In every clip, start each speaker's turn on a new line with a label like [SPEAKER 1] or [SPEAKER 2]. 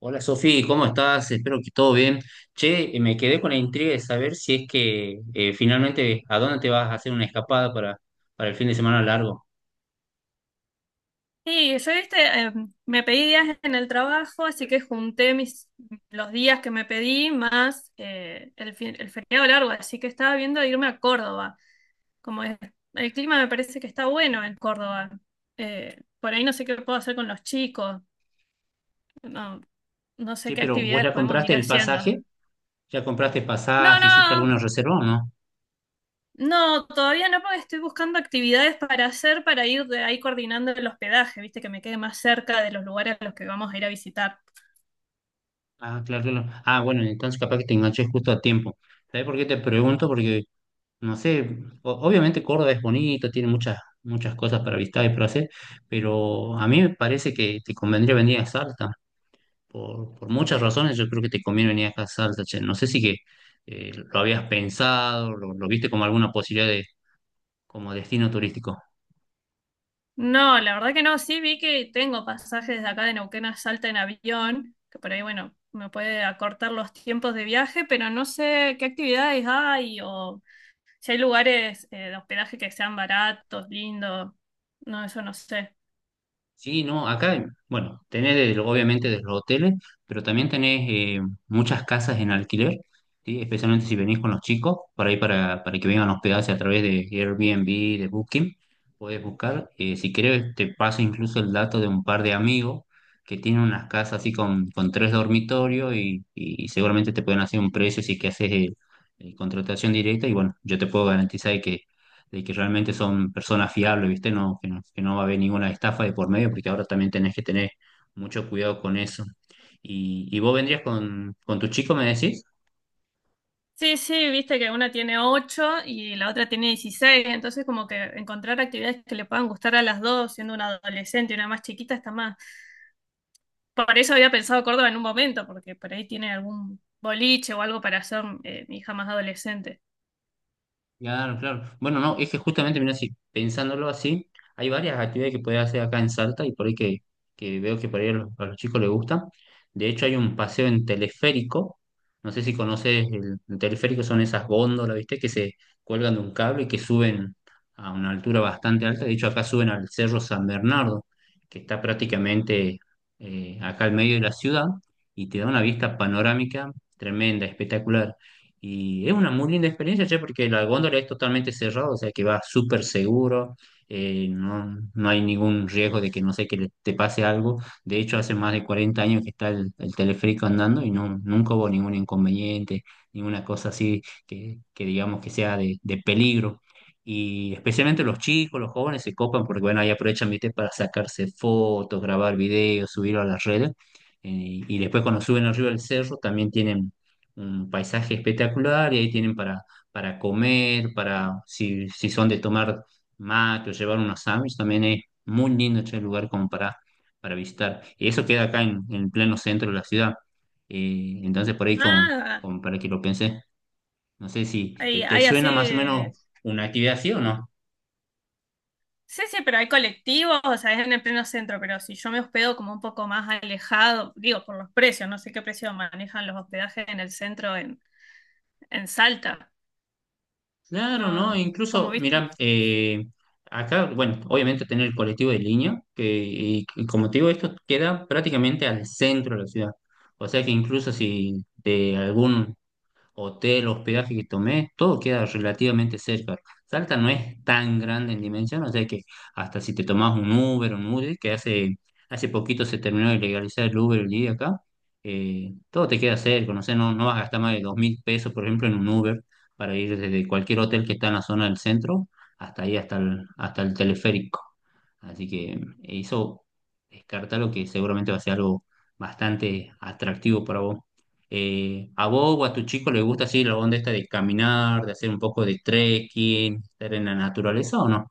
[SPEAKER 1] Hola Sofi, ¿cómo estás? Espero que todo bien. Che, me quedé con la intriga de saber si es que finalmente a dónde te vas a hacer una escapada para el fin de semana largo.
[SPEAKER 2] Sí, yo viste, me pedí días en el trabajo, así que junté los días que me pedí más el feriado largo, así que estaba viendo de irme a Córdoba. Como es- el clima me parece que está bueno en Córdoba. Por ahí no sé qué puedo hacer con los chicos, no, no sé
[SPEAKER 1] Che,
[SPEAKER 2] qué
[SPEAKER 1] pero ¿vos
[SPEAKER 2] actividades
[SPEAKER 1] ya
[SPEAKER 2] podemos
[SPEAKER 1] compraste
[SPEAKER 2] ir
[SPEAKER 1] el
[SPEAKER 2] haciendo.
[SPEAKER 1] pasaje? ¿Ya compraste
[SPEAKER 2] No,
[SPEAKER 1] pasaje? ¿Hiciste
[SPEAKER 2] no,
[SPEAKER 1] alguna reserva o no?
[SPEAKER 2] no, todavía no, porque estoy buscando actividades para hacer para ir de ahí coordinando el hospedaje, viste, que me quede más cerca de los lugares a los que vamos a ir a visitar.
[SPEAKER 1] Ah, claro, claro. Ah, bueno, entonces capaz que te enganché justo a tiempo. ¿Sabés por qué te pregunto? Porque, no sé, obviamente Córdoba es bonito, tiene muchas, muchas cosas para visitar y para hacer, pero a mí me parece que te convendría venir a Salta. Por muchas razones yo creo que te conviene venir a Salta, che. No sé si que lo habías pensado, lo viste como alguna posibilidad de como destino turístico.
[SPEAKER 2] No, la verdad que no, sí vi que tengo pasajes de acá de Neuquén a Salta en avión, que por ahí, bueno, me puede acortar los tiempos de viaje, pero no sé qué actividades hay o si hay lugares de hospedaje que sean baratos, lindos, no, eso no sé.
[SPEAKER 1] Sí, no, acá, bueno, obviamente desde los hoteles, pero también tenés muchas casas en alquiler, ¿sí? Especialmente si venís con los chicos, para ahí para que vengan a hospedarse a través de Airbnb, de Booking, podés buscar. Si querés, te paso incluso el dato de un par de amigos que tienen unas casas así con tres dormitorios y seguramente te pueden hacer un precio si que haces contratación directa y bueno, yo te puedo garantizar de que realmente son personas fiables, ¿viste? No, que no, que no va a haber ninguna estafa de por medio, porque ahora también tenés que tener mucho cuidado con eso. ¿Y vos vendrías con tu chico, me decís?
[SPEAKER 2] Sí, sí, viste que una tiene 8 y la otra tiene 16, entonces como que encontrar actividades que le puedan gustar a las dos, siendo una adolescente y una más chiquita, está más. Por eso había pensado Córdoba en un momento, porque por ahí tiene algún boliche o algo para hacer mi hija más adolescente.
[SPEAKER 1] Claro, claro. Bueno, no, es que justamente, mira, si pensándolo así, hay varias actividades que podés hacer acá en Salta y por ahí que veo que por ahí a a los chicos les gusta. De hecho, hay un paseo en teleférico. No sé si conoces el teleférico, son esas góndolas, ¿viste? Que se cuelgan de un cable y que suben a una altura bastante alta. De hecho, acá suben al Cerro San Bernardo, que está prácticamente acá al medio de la ciudad y te da una vista panorámica tremenda, espectacular. Y es una muy linda experiencia, che, porque la góndola es totalmente cerrada, o sea que va súper seguro, no, no hay ningún riesgo de que no sé que te pase algo. De hecho, hace más de 40 años que está el teleférico andando y no, nunca hubo ningún inconveniente, ninguna cosa así que digamos que sea de peligro. Y especialmente los chicos, los jóvenes se copan porque, bueno, ahí aprovechan, viste, para sacarse fotos, grabar videos, subirlo a las redes. Y después cuando suben arriba del cerro también tienen un paisaje espectacular y ahí tienen para comer, para si, si son de tomar mate o llevar unos sándwiches, también es muy lindo ese lugar como para visitar. Y eso queda acá en pleno centro de la ciudad. Entonces por ahí
[SPEAKER 2] Ah,
[SPEAKER 1] para que lo pensé, no sé si
[SPEAKER 2] hay,
[SPEAKER 1] te
[SPEAKER 2] hay así.
[SPEAKER 1] suena más o menos una actividad así o no.
[SPEAKER 2] Sí, sí, pero hay colectivos, o sea, es en el pleno centro, pero si yo me hospedo como un poco más alejado, digo, por los precios, no sé qué precio manejan los hospedajes en el centro en Salta.
[SPEAKER 1] Claro, ¿no?
[SPEAKER 2] No, como
[SPEAKER 1] Incluso,
[SPEAKER 2] viste.
[SPEAKER 1] mira, acá, bueno, obviamente tener el colectivo de línea, y como te digo, esto queda prácticamente al centro de la ciudad. O sea que incluso si de algún hotel, hospedaje que tomé, todo queda relativamente cerca. Salta no es tan grande en dimensión, o sea que hasta si te tomás un Uber, hace poquito se terminó de legalizar el Uber el día acá, todo te queda cerca, no sé, no, no vas a gastar más de 2.000 pesos, por ejemplo, en un Uber para ir desde cualquier hotel que está en la zona del centro hasta ahí, hasta el teleférico. Así que eso descarta que seguramente va a ser algo bastante atractivo para vos. ¿A vos o a tu chico le gusta así la onda esta de caminar, de hacer un poco de trekking, estar en la naturaleza o no?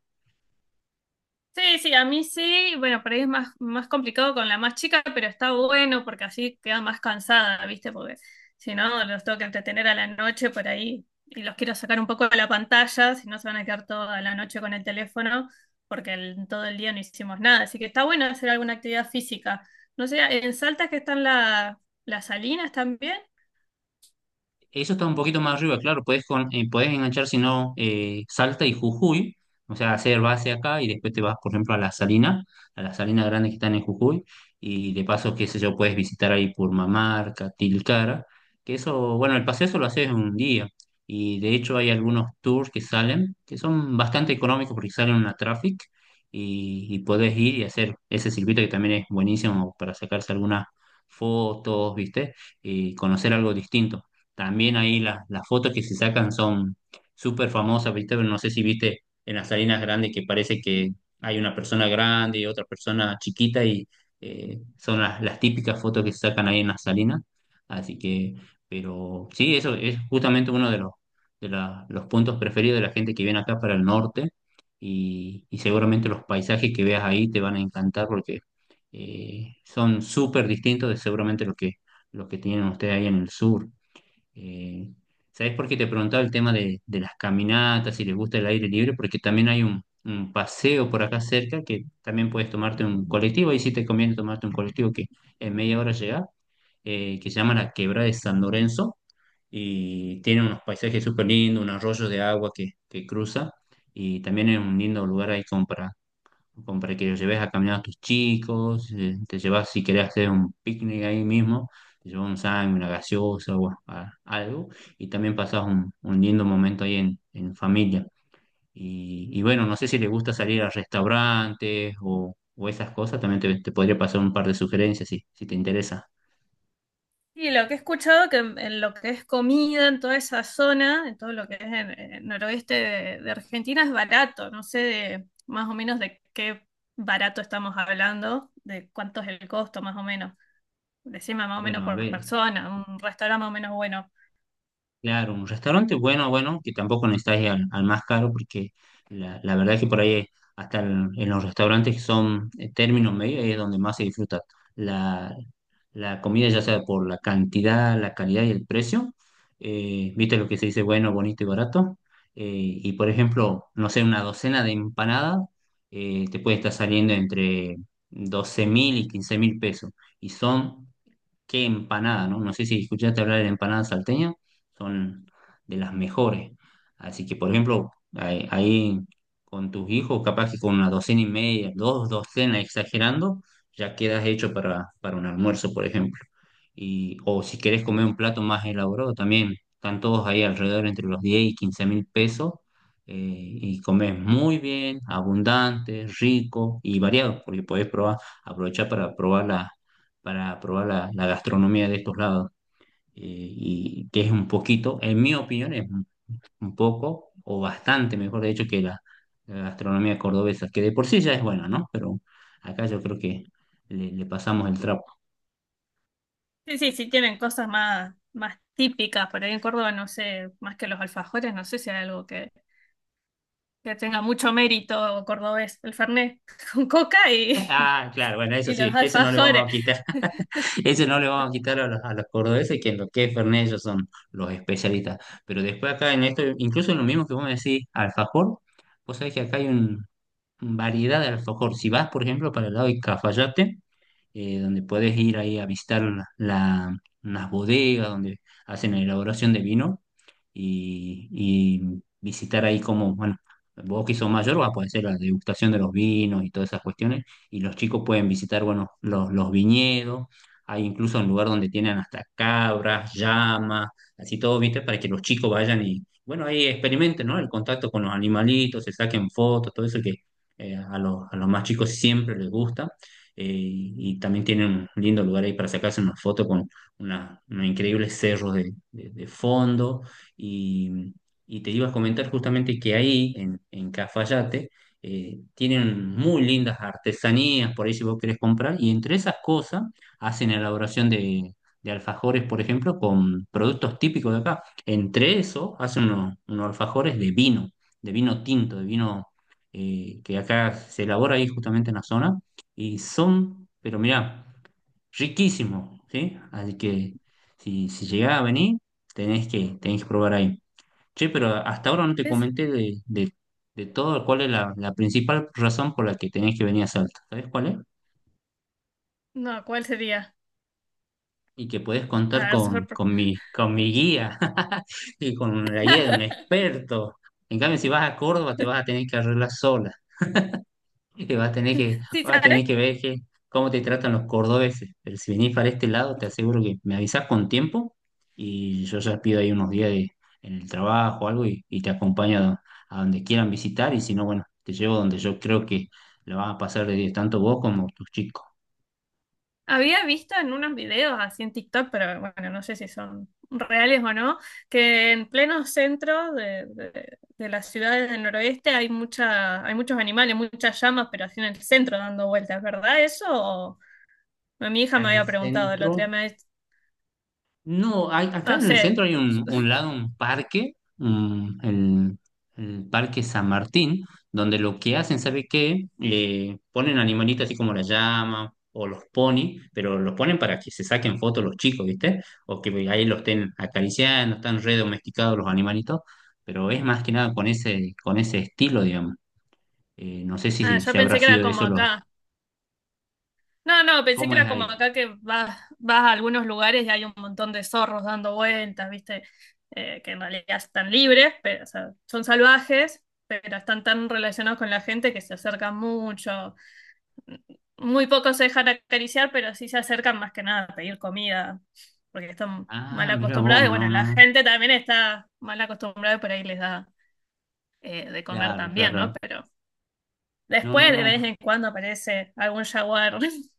[SPEAKER 2] Sí, sí, a mí sí, bueno, por ahí es más, más complicado con la más chica, pero está bueno porque así queda más cansada, ¿viste? Porque si no, los tengo que entretener a la noche por ahí y los quiero sacar un poco de la pantalla, si no se van a quedar toda la noche con el teléfono porque todo el día no hicimos nada. Así que está bueno hacer alguna actividad física. No sé, en Salta que están las salinas también.
[SPEAKER 1] Eso está un poquito más arriba, claro, podés enganchar si no Salta y Jujuy, o sea, hacer base acá y después te vas, por ejemplo, a la Salina Grande que están en Jujuy, y de paso, qué sé yo, puedes visitar ahí Purmamarca, Tilcara, que eso, bueno, el paseo eso lo haces en un día, y de hecho hay algunos tours que salen, que son bastante económicos porque salen en una traffic, y podés ir y hacer ese circuito que también es buenísimo para sacarse algunas fotos, ¿viste? Y conocer algo distinto. También ahí las fotos que se sacan son súper famosas, ¿viste? Pero no sé si viste en las Salinas Grandes que parece que hay una persona grande y otra persona chiquita y son las típicas fotos que se sacan ahí en las Salinas. Así que, pero sí, eso es justamente uno de los puntos preferidos de la gente que viene acá para el norte y seguramente los paisajes que veas ahí te van a encantar porque son súper distintos de seguramente lo que tienen ustedes ahí en el sur. Eh, ¿Sabés por qué te preguntaba el tema de las caminatas, si les gusta el aire libre? Porque también hay un paseo por acá cerca que también puedes tomarte un colectivo, ahí sí te conviene tomarte un colectivo que en media hora llega, que se llama la Quebrada de San Lorenzo y tiene unos paisajes súper lindos, un arroyo de agua que cruza y también es un lindo lugar ahí como para como para que los lleves a caminar a tus chicos, te llevas si querés hacer un picnic ahí mismo, te llevas un sándwich, una gaseosa o algo, y también pasás un lindo momento ahí en familia. Y bueno, no sé si te gusta salir a restaurantes o esas cosas, también te podría pasar un par de sugerencias si, si te interesa.
[SPEAKER 2] Y lo que he escuchado que en lo que es comida, en toda esa zona, en todo lo que es el noroeste de Argentina, es barato. No sé más o menos de qué barato estamos hablando, de cuánto es el costo más o menos. Decime más o menos
[SPEAKER 1] Bueno, a
[SPEAKER 2] por
[SPEAKER 1] ver.
[SPEAKER 2] persona, un restaurante más o menos bueno.
[SPEAKER 1] Claro, un restaurante bueno, bueno, que tampoco necesitas ir al más caro, porque la verdad es que por ahí, hasta en los restaurantes que son términos medios, es donde más se disfruta la, la comida, ya sea por la cantidad, la calidad y el precio. ¿Viste lo que se dice bueno, bonito y barato? Eh, y por ejemplo, no sé, una docena de empanadas te puede estar saliendo entre 12.000 y 15.000 pesos, y son qué empanada, ¿no? No sé si escuchaste hablar de empanadas salteñas, son de las mejores. Así que, por ejemplo, ahí, ahí con tus hijos, capaz que con una docena y media, dos docenas exagerando, ya quedas hecho para un almuerzo, por ejemplo y, o si querés comer un plato más elaborado también, están todos ahí alrededor entre los 10.000 y 15.000 pesos y comes muy bien, abundante, rico y variado, porque podés probar, aprovechar para probar la gastronomía de estos lados y que es un poquito, en mi opinión, es un poco o bastante mejor, de hecho, que la gastronomía cordobesa, que de por sí ya es buena, ¿no? Pero acá yo creo que le le pasamos el trapo.
[SPEAKER 2] Sí, sí, sí tienen cosas más, más típicas. Por ahí en Córdoba, no sé, más que los alfajores, no sé si hay algo que tenga mucho mérito cordobés. El fernet con coca
[SPEAKER 1] Ah, claro, bueno, eso
[SPEAKER 2] y los
[SPEAKER 1] sí, ese no le vamos
[SPEAKER 2] alfajores.
[SPEAKER 1] a quitar, ese no le vamos a quitar a a los cordobeses, que en lo que es Fernet ellos son los especialistas. Pero después acá en esto, incluso en lo mismo que vos me decís, alfajor, vos sabés que acá hay un variedad de alfajor. Si vas, por ejemplo, para el lado de Cafayate, donde puedes ir ahí a visitar las bodegas, donde hacen la elaboración de vino, y visitar ahí como, bueno, vos que sos mayor vas a poder hacer la degustación de los vinos y todas esas cuestiones, y los chicos pueden visitar, bueno, los viñedos, hay incluso un lugar donde tienen hasta cabras, llamas, así todo, ¿viste? Para que los chicos vayan y, bueno, ahí experimenten, ¿no? El contacto con los animalitos, se saquen fotos, todo eso que a a los más chicos siempre les gusta. Y también tienen un lindo lugar ahí para sacarse una foto con una, unos increíbles cerros de fondo. Y, y te iba a comentar justamente que ahí, en Cafayate, tienen muy lindas artesanías, por ahí si vos querés comprar, y entre esas cosas hacen elaboración de alfajores, por ejemplo, con productos típicos de acá. Entre eso hacen unos, unos alfajores de vino tinto, de vino que acá se elabora ahí justamente en la zona, y son, pero mirá, riquísimos, ¿sí? Así que si, si llegás a venir, tenés que probar ahí. Che, pero hasta ahora no te comenté de todo cuál es la principal razón por la que tenés que venir a Salta. ¿Sabés cuál es?
[SPEAKER 2] No, ¿cuál sería?
[SPEAKER 1] Y que podés
[SPEAKER 2] A
[SPEAKER 1] contar
[SPEAKER 2] ver, super.
[SPEAKER 1] con mi guía y con la guía de un experto. En cambio, si vas a Córdoba, te vas a tener que arreglar sola. Y vas a tener que,
[SPEAKER 2] Sí,
[SPEAKER 1] vas a
[SPEAKER 2] ¿sabes?
[SPEAKER 1] tener que ver cómo te tratan los cordobeses. Pero si venís para este lado, te aseguro que me avisás con tiempo y yo ya pido ahí unos días en el trabajo o algo y te acompaño a donde quieran visitar. Y si no, bueno, te llevo donde yo creo que lo vas a pasar de 10, tanto vos como tus chicos.
[SPEAKER 2] Había visto en unos videos así en TikTok, pero bueno, no sé si son reales o no, que en pleno centro de las ciudades del noroeste hay muchos animales, muchas llamas, pero así en el centro dando vueltas, ¿verdad eso? Mi hija
[SPEAKER 1] Acá
[SPEAKER 2] me
[SPEAKER 1] en el
[SPEAKER 2] había preguntado el otro día,
[SPEAKER 1] centro. No, acá
[SPEAKER 2] no
[SPEAKER 1] en el
[SPEAKER 2] sé.
[SPEAKER 1] centro hay un lado, un parque, un- el, el Parque San Martín, donde lo que hacen, ¿sabe qué? Ponen animalitos así como la llama o los ponis, pero los ponen para que se saquen fotos los chicos, ¿viste? O que ahí los estén acariciando, están re domesticados los animalitos, pero es más que nada con ese, con ese estilo, digamos. No sé
[SPEAKER 2] Ah,
[SPEAKER 1] si,
[SPEAKER 2] yo
[SPEAKER 1] si habrá
[SPEAKER 2] pensé que era
[SPEAKER 1] sido de
[SPEAKER 2] como
[SPEAKER 1] eso los...
[SPEAKER 2] acá. No, no, pensé que
[SPEAKER 1] ¿Cómo es
[SPEAKER 2] era como
[SPEAKER 1] ahí?
[SPEAKER 2] acá que vas a algunos lugares y hay un montón de zorros dando vueltas, ¿viste? Que en realidad están libres, pero, o sea, son salvajes, pero están tan relacionados con la gente que se acercan mucho. Muy pocos se dejan acariciar, pero sí se acercan más que nada a pedir comida, porque están
[SPEAKER 1] Ah,
[SPEAKER 2] mal
[SPEAKER 1] mira vos,
[SPEAKER 2] acostumbrados. Y bueno,
[SPEAKER 1] no, no,
[SPEAKER 2] la
[SPEAKER 1] no.
[SPEAKER 2] gente también está mal acostumbrada y por ahí les da de comer
[SPEAKER 1] Claro, claro.
[SPEAKER 2] también, ¿no?
[SPEAKER 1] Claro.
[SPEAKER 2] Pero
[SPEAKER 1] No, no,
[SPEAKER 2] después, de vez
[SPEAKER 1] no.
[SPEAKER 2] en cuando aparece algún jaguar,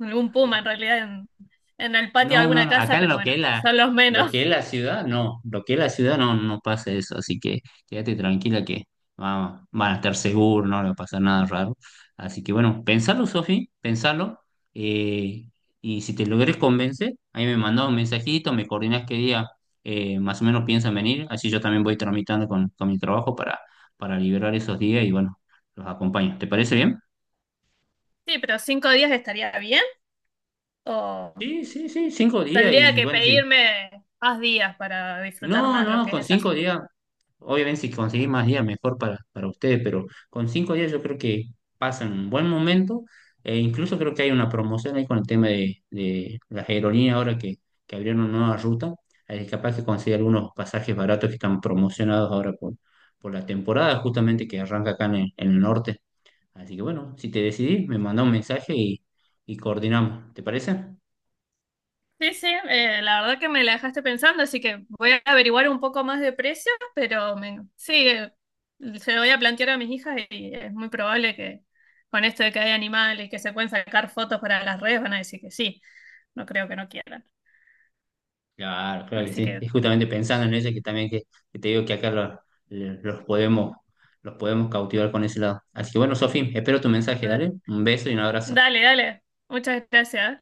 [SPEAKER 2] algún puma en realidad en el patio de
[SPEAKER 1] No, no,
[SPEAKER 2] alguna
[SPEAKER 1] no, acá
[SPEAKER 2] casa,
[SPEAKER 1] en
[SPEAKER 2] pero
[SPEAKER 1] lo que
[SPEAKER 2] bueno,
[SPEAKER 1] es la,
[SPEAKER 2] son los
[SPEAKER 1] lo que es
[SPEAKER 2] menos.
[SPEAKER 1] la ciudad, no, lo que es la ciudad no, no pasa eso, así que quédate tranquila que vamos, van a estar seguros, no le va a pasar nada raro. Así que bueno, pensalo, Sofi, pensalo, eh, y si te logres convencer, ahí me mandas un mensajito, me coordinas qué día más o menos piensan venir, así yo también voy tramitando con mi trabajo para liberar esos días y bueno, los acompaño. ¿Te parece bien?
[SPEAKER 2] Sí, pero 5 días estaría bien o
[SPEAKER 1] Sí, sí, 5 días
[SPEAKER 2] tendría
[SPEAKER 1] y
[SPEAKER 2] que
[SPEAKER 1] bueno, sí.
[SPEAKER 2] pedirme más días para disfrutar
[SPEAKER 1] No,
[SPEAKER 2] más lo
[SPEAKER 1] no,
[SPEAKER 2] que es
[SPEAKER 1] con
[SPEAKER 2] esa.
[SPEAKER 1] 5 días, obviamente si conseguís más días, mejor para ustedes, pero con 5 días yo creo que pasan un buen momento, e incluso creo que hay una promoción ahí con el tema de las aerolíneas ahora que abrieron una nueva ruta, ahí capaz que consigue algunos pasajes baratos que están promocionados ahora por la temporada justamente que arranca acá en el norte. Así que bueno, si te decidís, me manda un mensaje y coordinamos, ¿te parece?
[SPEAKER 2] Sí, sí, la verdad que me la dejaste pensando, así que voy a averiguar un poco más de precio, pero sí, se lo voy a plantear a mis hijas y es muy probable que con esto de que hay animales y que se pueden sacar fotos para las redes van a decir que sí, no creo que no quieran.
[SPEAKER 1] Claro, claro que
[SPEAKER 2] Así
[SPEAKER 1] sí.
[SPEAKER 2] que,
[SPEAKER 1] Es justamente pensando en eso que también que te digo que acá los podemos, los podemos cautivar con ese lado. Así que bueno, Sofía, espero tu mensaje,
[SPEAKER 2] eh,
[SPEAKER 1] dale. Un beso y un abrazo.
[SPEAKER 2] dale, dale, muchas gracias.